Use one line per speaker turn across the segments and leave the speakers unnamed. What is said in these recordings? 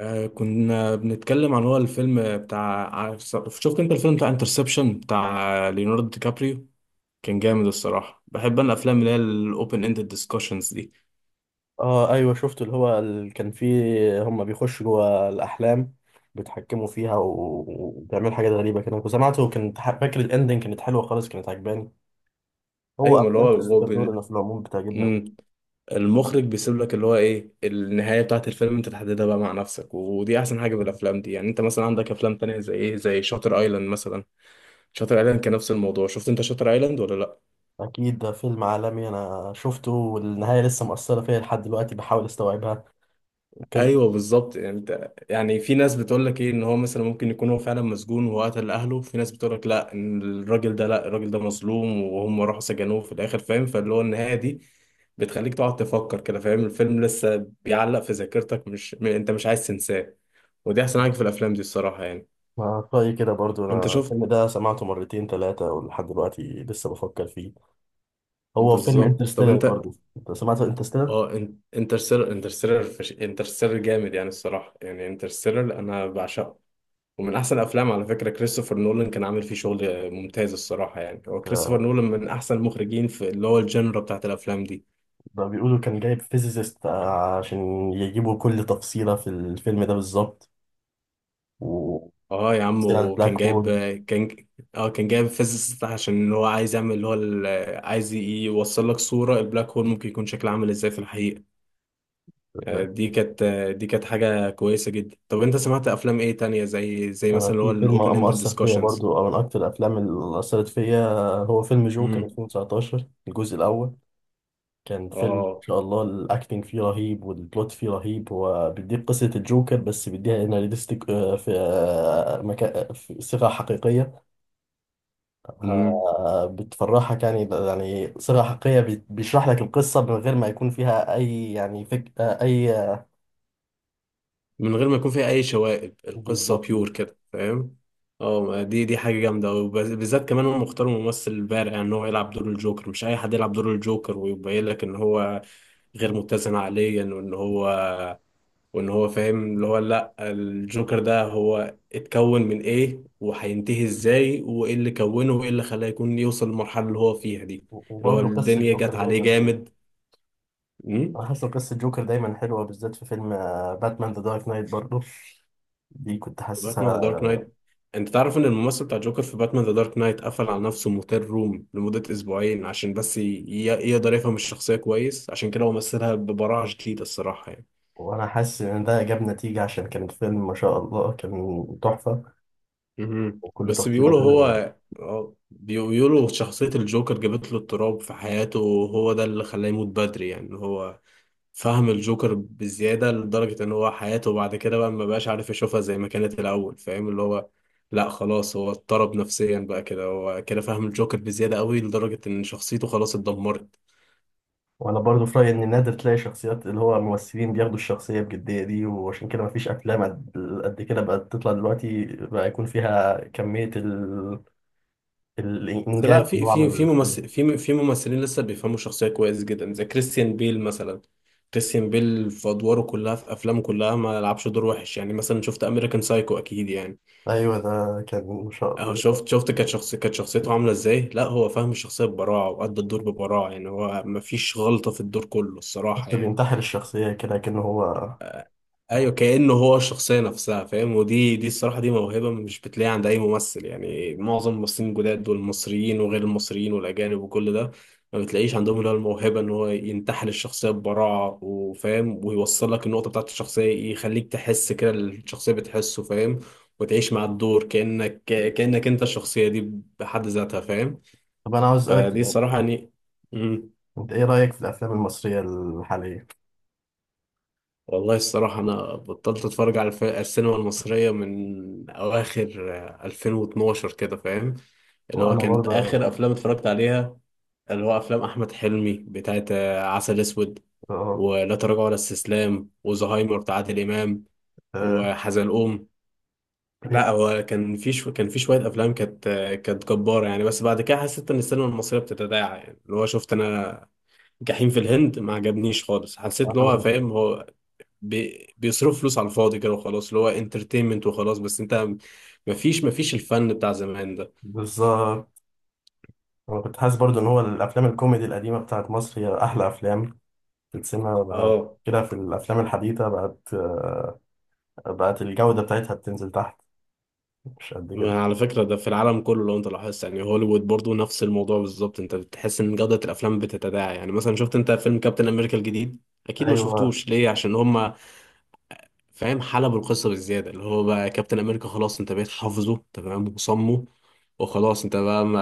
كنا بنتكلم عن هو الفيلم بتاع شفت انت الفيلم بتاع انترسبشن بتاع ليوناردو دي كابريو. كان جامد الصراحة، بحب انا الافلام اللي هي الاوبن اندد ديسكشنز دي.
اه ايوه شفت كان فيه هم بيخشوا جوه الاحلام بيتحكموا فيها وبيعملوا حاجات غريبه كده كنت سمعته وكنت فاكر الاندنج كانت حلوه خالص كانت عجباني. هو
ايوه، ما اللي هو
افلام
هو
كريستوفر نولان في العموم بتعجبنا.
مم. المخرج بيسيب لك اللي هو ايه النهاية بتاعت الفيلم، انت تحددها بقى مع نفسك. ودي احسن حاجة بالافلام دي، يعني انت مثلا عندك افلام تانية زي ايه، زي شاتر ايلاند مثلا. شاتر ايلاند كان نفس الموضوع، شفت انت شاتر ايلاند ولا لا؟
اكيد ده فيلم عالمي، انا شفته والنهايه لسه مؤثره فيا لحد دلوقتي بحاول استوعبها كذا.
ايوه بالظبط. يعني انت يعني في ناس بتقول لك ايه ان هو مثلا ممكن يكون هو فعلا مسجون وهو قتل اهله، في ناس بتقول لك لا، ان الراجل ده لا الراجل ده مظلوم وهم راحوا سجنوه في الاخر، فاهم؟ فاللي هو النهايه دي بتخليك تقعد تفكر كده، فاهم؟ الفيلم لسه بيعلق في ذاكرتك، مش انت مش عايز تنساه. ودي احسن حاجه في الافلام دي الصراحه يعني.
ما رأيي كده برضو،
انت
انا
شفت.
الفيلم ده سمعته مرتين ثلاثه ولحد دلوقتي لسه بفكر فيه. هو فيلم
بالظبط طب
انترستيلر
انت.
برضو، انت سمعت انترستيلر؟
اه انت انترستيلر انترستيلر جامد يعني الصراحه، يعني انترستيلر انا بعشقه. ومن احسن افلام، على فكره كريستوفر نولان كان عامل فيه شغل ممتاز الصراحه يعني. هو كريستوفر نولان من احسن المخرجين في اللي هو الجنرا بتاعت الافلام دي.
ده بيقولوا كان جايب فيزيست عشان يجيبوا كل تفصيلة في الفيلم ده بالظبط، وتفصيل
اه يا عم،
عن
وكان
البلاك
جايب.
هول.
كان اه كان جايب فيزيست، عشان هو عايز يعمل اللي هو عايز ي- يوصل لك صوره البلاك هول ممكن يكون شكله عامل ازاي في الحقيقه. دي كانت، دي كانت حاجه كويسه جدا. طب انت سمعت افلام ايه تانية، زي مثلا
أنا
اللي هو
في فيلم
الاوبن اند
مؤثر فيا
ديسكشنز؟
برضو أو من أكتر الأفلام اللي أثرت فيا، هو فيلم جوكر
امم
2019 الجزء الأول. كان فيلم إن
اه.
شاء الله الأكتنج فيه رهيب والبلوت فيه رهيب، هو بيديك قصة الجوكر بس بيديها إنها ريليستيك، في مكان في صيغة حقيقية. بتفرحك، يعني يعني صيغة حقيقية بيشرح لك القصة من غير ما يكون فيها أي يعني فك آه، أي
من غير ما يكون فيها اي شوائب، القصه
بالظبط
بيور كده، فاهم؟ اه، ما دي حاجه جامده، وبالذات كمان هم اختاروا ممثل بارع ان هو يلعب دور الجوكر، مش اي حد يلعب دور الجوكر، ويبين لك ان هو غير متزن عقليا، وان هو فاهم اللي هو، لا الجوكر ده هو اتكون من ايه وهينتهي ازاي وايه اللي كونه وايه اللي خلاه يكون يوصل للمرحله اللي هو فيها دي. اللي هو
وبرضه قصة
الدنيا
جوكر
جت عليه
دايما هو.
جامد.
أنا حاسس إن قصة جوكر دايما حلوة بالذات في فيلم باتمان ذا دارك نايت برضه، دي كنت
باتمان ذا
حاسسها.
دارك نايت. انت تعرف ان الممثل بتاع جوكر في باتمان ذا دارك نايت قفل على نفسه موتيل روم لمدة اسبوعين، عشان بس يقدر يفهم الشخصية كويس، عشان كده هو مثلها ببراعة شديدة الصراحة يعني.
وأنا حاسس إن ده جاب نتيجة عشان كان الفيلم ما شاء الله كان تحفة،
مهم.
وكل
بس
تفصيلة
بيقولوا
فيه.
هو بيقولوا شخصية الجوكر جابت له اضطراب في حياته، وهو ده اللي خلاه يموت بدري. يعني هو فهم الجوكر بزيادة، لدرجة إن هو حياته بعد كده بقى ما بقاش عارف يشوفها زي ما كانت الأول. فاهم اللي هو؟ لا خلاص، هو اضطرب نفسيا بقى كده، هو كده فاهم الجوكر بزيادة قوي، لدرجة إن شخصيته خلاص اتدمرت.
وانا برضو في رايي ان نادر تلاقي شخصيات اللي هو ممثلين بياخدوا الشخصيه بجديه دي، وعشان كده مفيش افلام قد كده بقت تطلع دلوقتي بقى يكون فيها كميه
بس لا،
الانجاز اللي
في
هو
في
عمله
في
للفيلم.
ممثل، في ممثلين لسه بيفهموا الشخصية كويس جدا، زي كريستيان بيل مثلا. كريستيان بيل في أدواره كلها، في أفلامه كلها، ما لعبش دور وحش. يعني مثلا شفت أمريكان سايكو أكيد يعني.
ايوه ده كان شا-
اه، شفت كانت شخص، كانت شخصيته عامله ازاي. لا هو فاهم الشخصيه ببراعه، وأدى الدور ببراعه يعني، هو مفيش غلطه في الدور كله الصراحه
بس
يعني.
بينتحل الشخصيه كده كأنه هو.
ايوه كأنه هو الشخصيه نفسها، فاهم؟ ودي الصراحه دي موهبه مش بتلاقيها عند اي ممثل يعني. معظم الممثلين الجداد والمصريين وغير المصريين والاجانب وكل ده ما بتلاقيش عندهم اللي هو الموهبه ان هو ينتحل الشخصيه ببراعه وفاهم ويوصل لك النقطه بتاعت الشخصيه، يخليك تحس كده اللي الشخصيه بتحسه، فاهم؟ وتعيش مع الدور كأنك انت الشخصيه دي بحد ذاتها، فاهم؟
طب انا عاوز اسالك
فدي
سؤال،
الصراحة يعني. مم.
انت ايه رايك في الافلام المصريه الحاليه؟
والله الصراحة أنا بطلت أتفرج على السينما المصرية من أواخر 2012 كده فاهم. اللي هو
وانا
كانت آخر
برضه.
أفلام اتفرجت عليها اللي هو أفلام أحمد حلمي بتاعت عسل أسود،
اه.
ولا تراجع ولا استسلام، وزهايمر بتاع عادل إمام،
آه،
وحزلقوم.
إيه؟
لا هو كان في كان في شوية أفلام كانت كانت جبارة يعني، بس بعد كده حسيت إن السينما المصرية بتتداعى يعني. اللي هو شفت أنا جحيم في الهند، ما عجبنيش خالص. حسيت ان
وأنا
هو
برضه
فاهم، هو بيصرف فلوس على الفاضي كده، وخلاص اللي هو انترتينمنت وخلاص بس انت. مفيش الفن بتاع زمان ده.
بالظبط، انا كنت حاسس برضه ان هو الافلام الكوميدي القديمه بتاعت مصر هي احلى افلام في السينما بقى
اه
كده. في الأفلام الحديثة بقت بقت الجودة بتاعتها بتنزل تحت، مش قد كده.
ما، على فكرة ده في العالم كله لو انت لاحظت يعني، هوليوود برضو نفس الموضوع بالظبط، انت بتحس ان جودة الافلام بتتداعى يعني. مثلا شفت انت فيلم كابتن امريكا الجديد؟ اكيد ما
أيوه.
شفتوش، ليه؟ عشان هم فاهم حلب القصه بالزياده، اللي هو بقى كابتن امريكا خلاص، انت بقيت حافظه تمام وصمه، وخلاص انت بقى ما.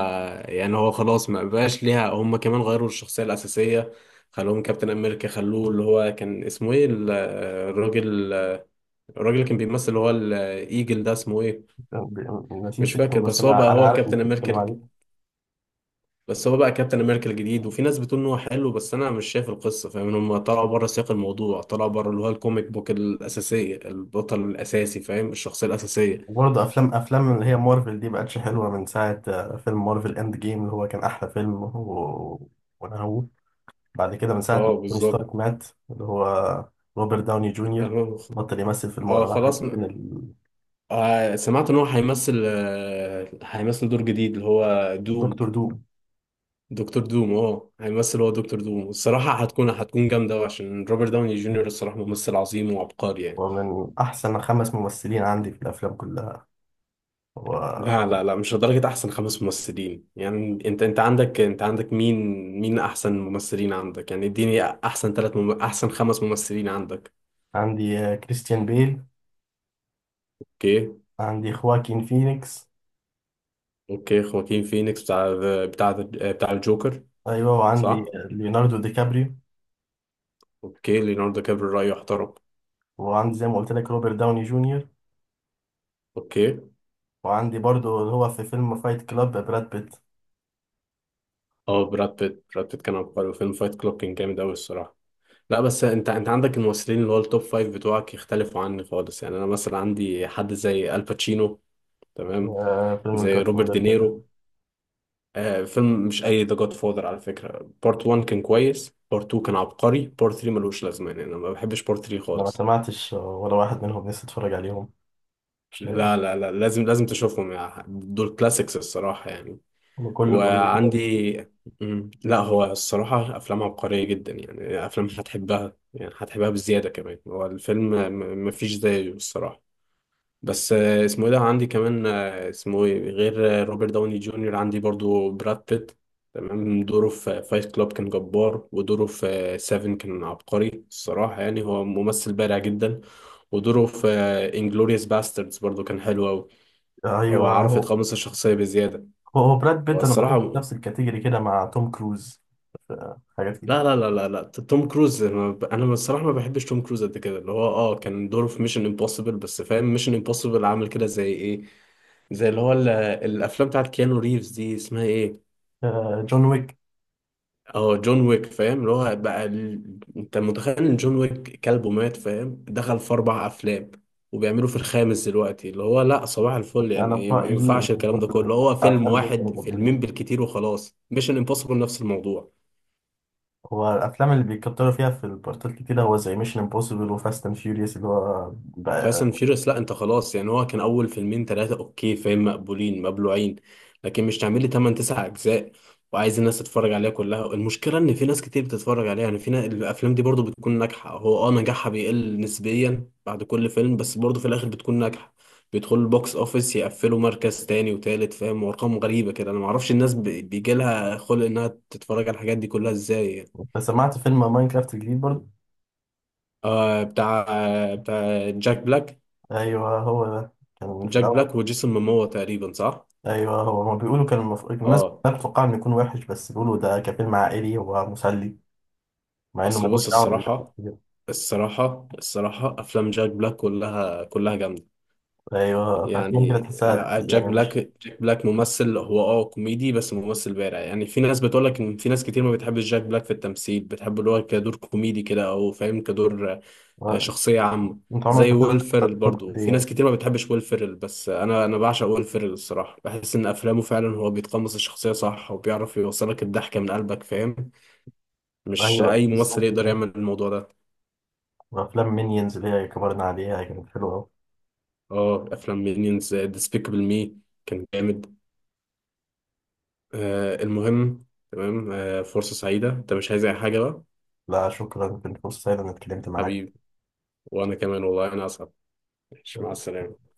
يعني هو خلاص ما بقاش ليها هم. كمان غيروا الشخصيه الاساسيه، خلوهم كابتن امريكا، خلوه اللي هو كان اسمه ايه الراجل الراجل اللي كان بيمثل اللي هو الايجل ده اسمه ايه؟ مش
نسيت اسمه
فاكر،
بس
بس هو بقى
أنا
هو
عارف إنك
كابتن امريكا
بتتكلم عليه.
بس هو بقى كابتن امريكا الجديد. وفي ناس بتقول ان هو حلو، بس انا مش شايف القصه، فاهم؟ هم طلعوا بره سياق الموضوع، طلعوا بره اللي هو الكوميك بوك الاساسيه، البطل الاساسي فاهم، الشخصيه الاساسيه.
وبرضه أفلام اللي هي مارفل دي بقتش حلوة من ساعة فيلم مارفل إند جيم اللي هو كان أحلى فيلم وأنا هو بعد كده من ساعة ما
اه
توني
بالظبط.
ستارك مات، اللي هو روبرت داوني جونيور
اه.
بطل يمثل في أنا
خلاص.
حسيت إن
آه سمعت ان هو هيمثل هيمثل دور جديد، اللي هو دوم.
دكتور دوم
دكتور دوم، اه، هيمثل هو دكتور دوم. الصراحة هتكون، هتكون جامدة أوي، عشان روبرت داوني جونيور الصراحة ممثل عظيم وعبقري يعني.
هو من أحسن خمس ممثلين عندي في الأفلام كلها. هو
لا لا لا، مش لدرجة أحسن خمس ممثلين يعني. أنت عندك، أنت عندك مين، مين أحسن ممثلين عندك يعني؟ اديني أحسن ثلاث أحسن خمس ممثلين عندك.
عندي كريستيان بيل،
أوكي.
عندي خواكين فينيكس،
أوكي خواكين فينيكس، بتاع بتاع الجوكر.
ايوه وعندي
صح؟
ليوناردو دي كابريو،
اوكي ليوناردو كابري رأيه احترم.
وعندي زي ما قلت لك روبرت داوني جونيور،
اوكي.
وعندي برضو اللي هو في فيلم فايت كلاب براد بيت.
اه براد بيت، كان عبقري، وفيلم فايت كلوب كان جامد قوي الصراحة. لا بس انت، عندك الممثلين اللي هو التوب فايف بتوعك يختلفوا عني خالص يعني. انا مثلا عندي حد زي الباتشينو، تمام؟
فيلم
زي
الجاد
روبرت
فاذر ده
دينيرو. آه فيلم، مش اي ذا جاد فاذر على فكرة، بارت 1 كان كويس، بارت 2 كان عبقري، بارت 3 ملوش لازمة يعني. انا ما بحبش بارت 3
انا ما
خالص.
سمعتش ولا واحد منهم، لسه اتفرج عليهم مش لاقي.
لا لا لا، لازم، لازم تشوفهم يعني، دول كلاسيكس الصراحة يعني.
كله بيقول لي كده.
وعندي. مم. لا هو الصراحة أفلام عبقرية جدا يعني، أفلام هتحبها يعني هتحبها بزيادة كمان، هو الفيلم مفيش زيه الصراحة. بس اسمه إيه، ده عندي كمان اسمه إيه غير روبرت داوني جونيور؟ عندي برضو براد بيت، تمام. دوره في فايت كلاب كان جبار، ودوره في سيفن كان عبقري الصراحة يعني، هو ممثل بارع جدا. ودوره في انجلوريوس باستردز برضو كان حلو أوي. هو
ايوه
عرف
هو.
يتقمص الشخصية بزيادة.
هو براد
هو
بيت انا بحطه في
الصراحة.
نفس الكاتيجوري كده مع توم كروز في حاجات كتير.
لا لا لا لا لا، توم كروز انا أنا الصراحه ما بحبش توم كروز قد كده، اللي هو اه كان دوره في ميشن امبوسيبل بس، فاهم؟ ميشن امبوسيبل عامل كده زي ايه، زي اللي هو الافلام بتاعت كيانو ريفز دي اسمها ايه؟
آه، جون ويك.
اه جون ويك، فاهم اللي هو بقى انت متخيل ان جون ويك كلبه مات، فاهم؟ دخل في اربع افلام، وبيعملوا في الخامس دلوقتي، اللي هو لا صباح الفل يعني
انا في
إيه، ما
رايي
ينفعش الكلام ده كله. هو فيلم
أفلام دول
واحد، فيلمين
المفضلين،
بالكتير وخلاص. ميشن امبوسيبل نفس الموضوع.
هو الافلام اللي بيكتروا فيها في البارتات كتير هو زي ميشن امبوسيبل وفاست اند فيوريوس اللي هو
فاست
بقى.
اند فيوريوس لا، انت خلاص يعني هو كان اول فيلمين ثلاثه اوكي فاهم، مقبولين مبلوعين. لكن مش تعمل لي 8 9 اجزاء وعايز الناس تتفرج عليها كلها. المشكله ان في ناس كتير بتتفرج عليها يعني، في الافلام دي برضو بتكون ناجحه. هو اه نجاحها بيقل نسبيا بعد كل فيلم، بس برضو في الاخر بتكون ناجحه، بيدخلوا البوكس اوفيس يقفلوا مركز تاني وتالت، فاهم؟ وارقام غريبه كده، انا ما اعرفش الناس بيجي لها خلق انها تتفرج على الحاجات دي كلها ازاي يعني.
انت سمعت فيلم ماينكرافت الجديد برضه؟
آه بتاع، جاك بلاك.
ايوه هو ده، كان في
جاك
الاول
بلاك وجيسون ماموا تقريبا صح.
ايوه هو ما بيقولوا كان الناس
اه.
كلها بتتوقع انه يكون وحش، بس بيقولوا ده كفيلم عائلي هو مسلي مع انه
اصل
ملوش
بص
دعوه.
الصراحه،
بال
الصراحه افلام جاك بلاك كلها كلها جامده
ايوه، فافلام كده
يعني.
تحسها يعني مش
جاك بلاك ممثل هو اه كوميدي، بس ممثل بارع يعني. في ناس بتقول لك ان في ناس كتير ما بتحبش جاك بلاك في التمثيل، بتحب اللي هو كدور كوميدي كده او فاهم كدور، شخصيه عامه.
انت عمرك
زي
ما
ويل
تقدر
فيرل
تتفرج
برضه
دي
في
يعني.
ناس كتير ما بتحبش ويل فيرل، بس انا بعشق ويل فيرل الصراحه، بحس ان افلامه فعلا هو بيتقمص الشخصيه صح، وبيعرف يوصلك الضحكه من قلبك، فاهم؟ مش
ايوه
اي ممثل
بالظبط
يقدر
كده.
يعمل الموضوع ده.
وافلام مينيونز اللي هي كبرنا عليها كانت حلوه أوي.
اه افلام مينيونز ديسبيكابل مي كان جامد. آه المهم. تمام، آه فرصة سعيدة، انت مش عايز اي حاجة بقى؟
لا شكرا، كنت فرصه سعيده اني اتكلمت معاك.
حبيبي. وانا كمان والله انا اسعد. ماشي، مع السلامة.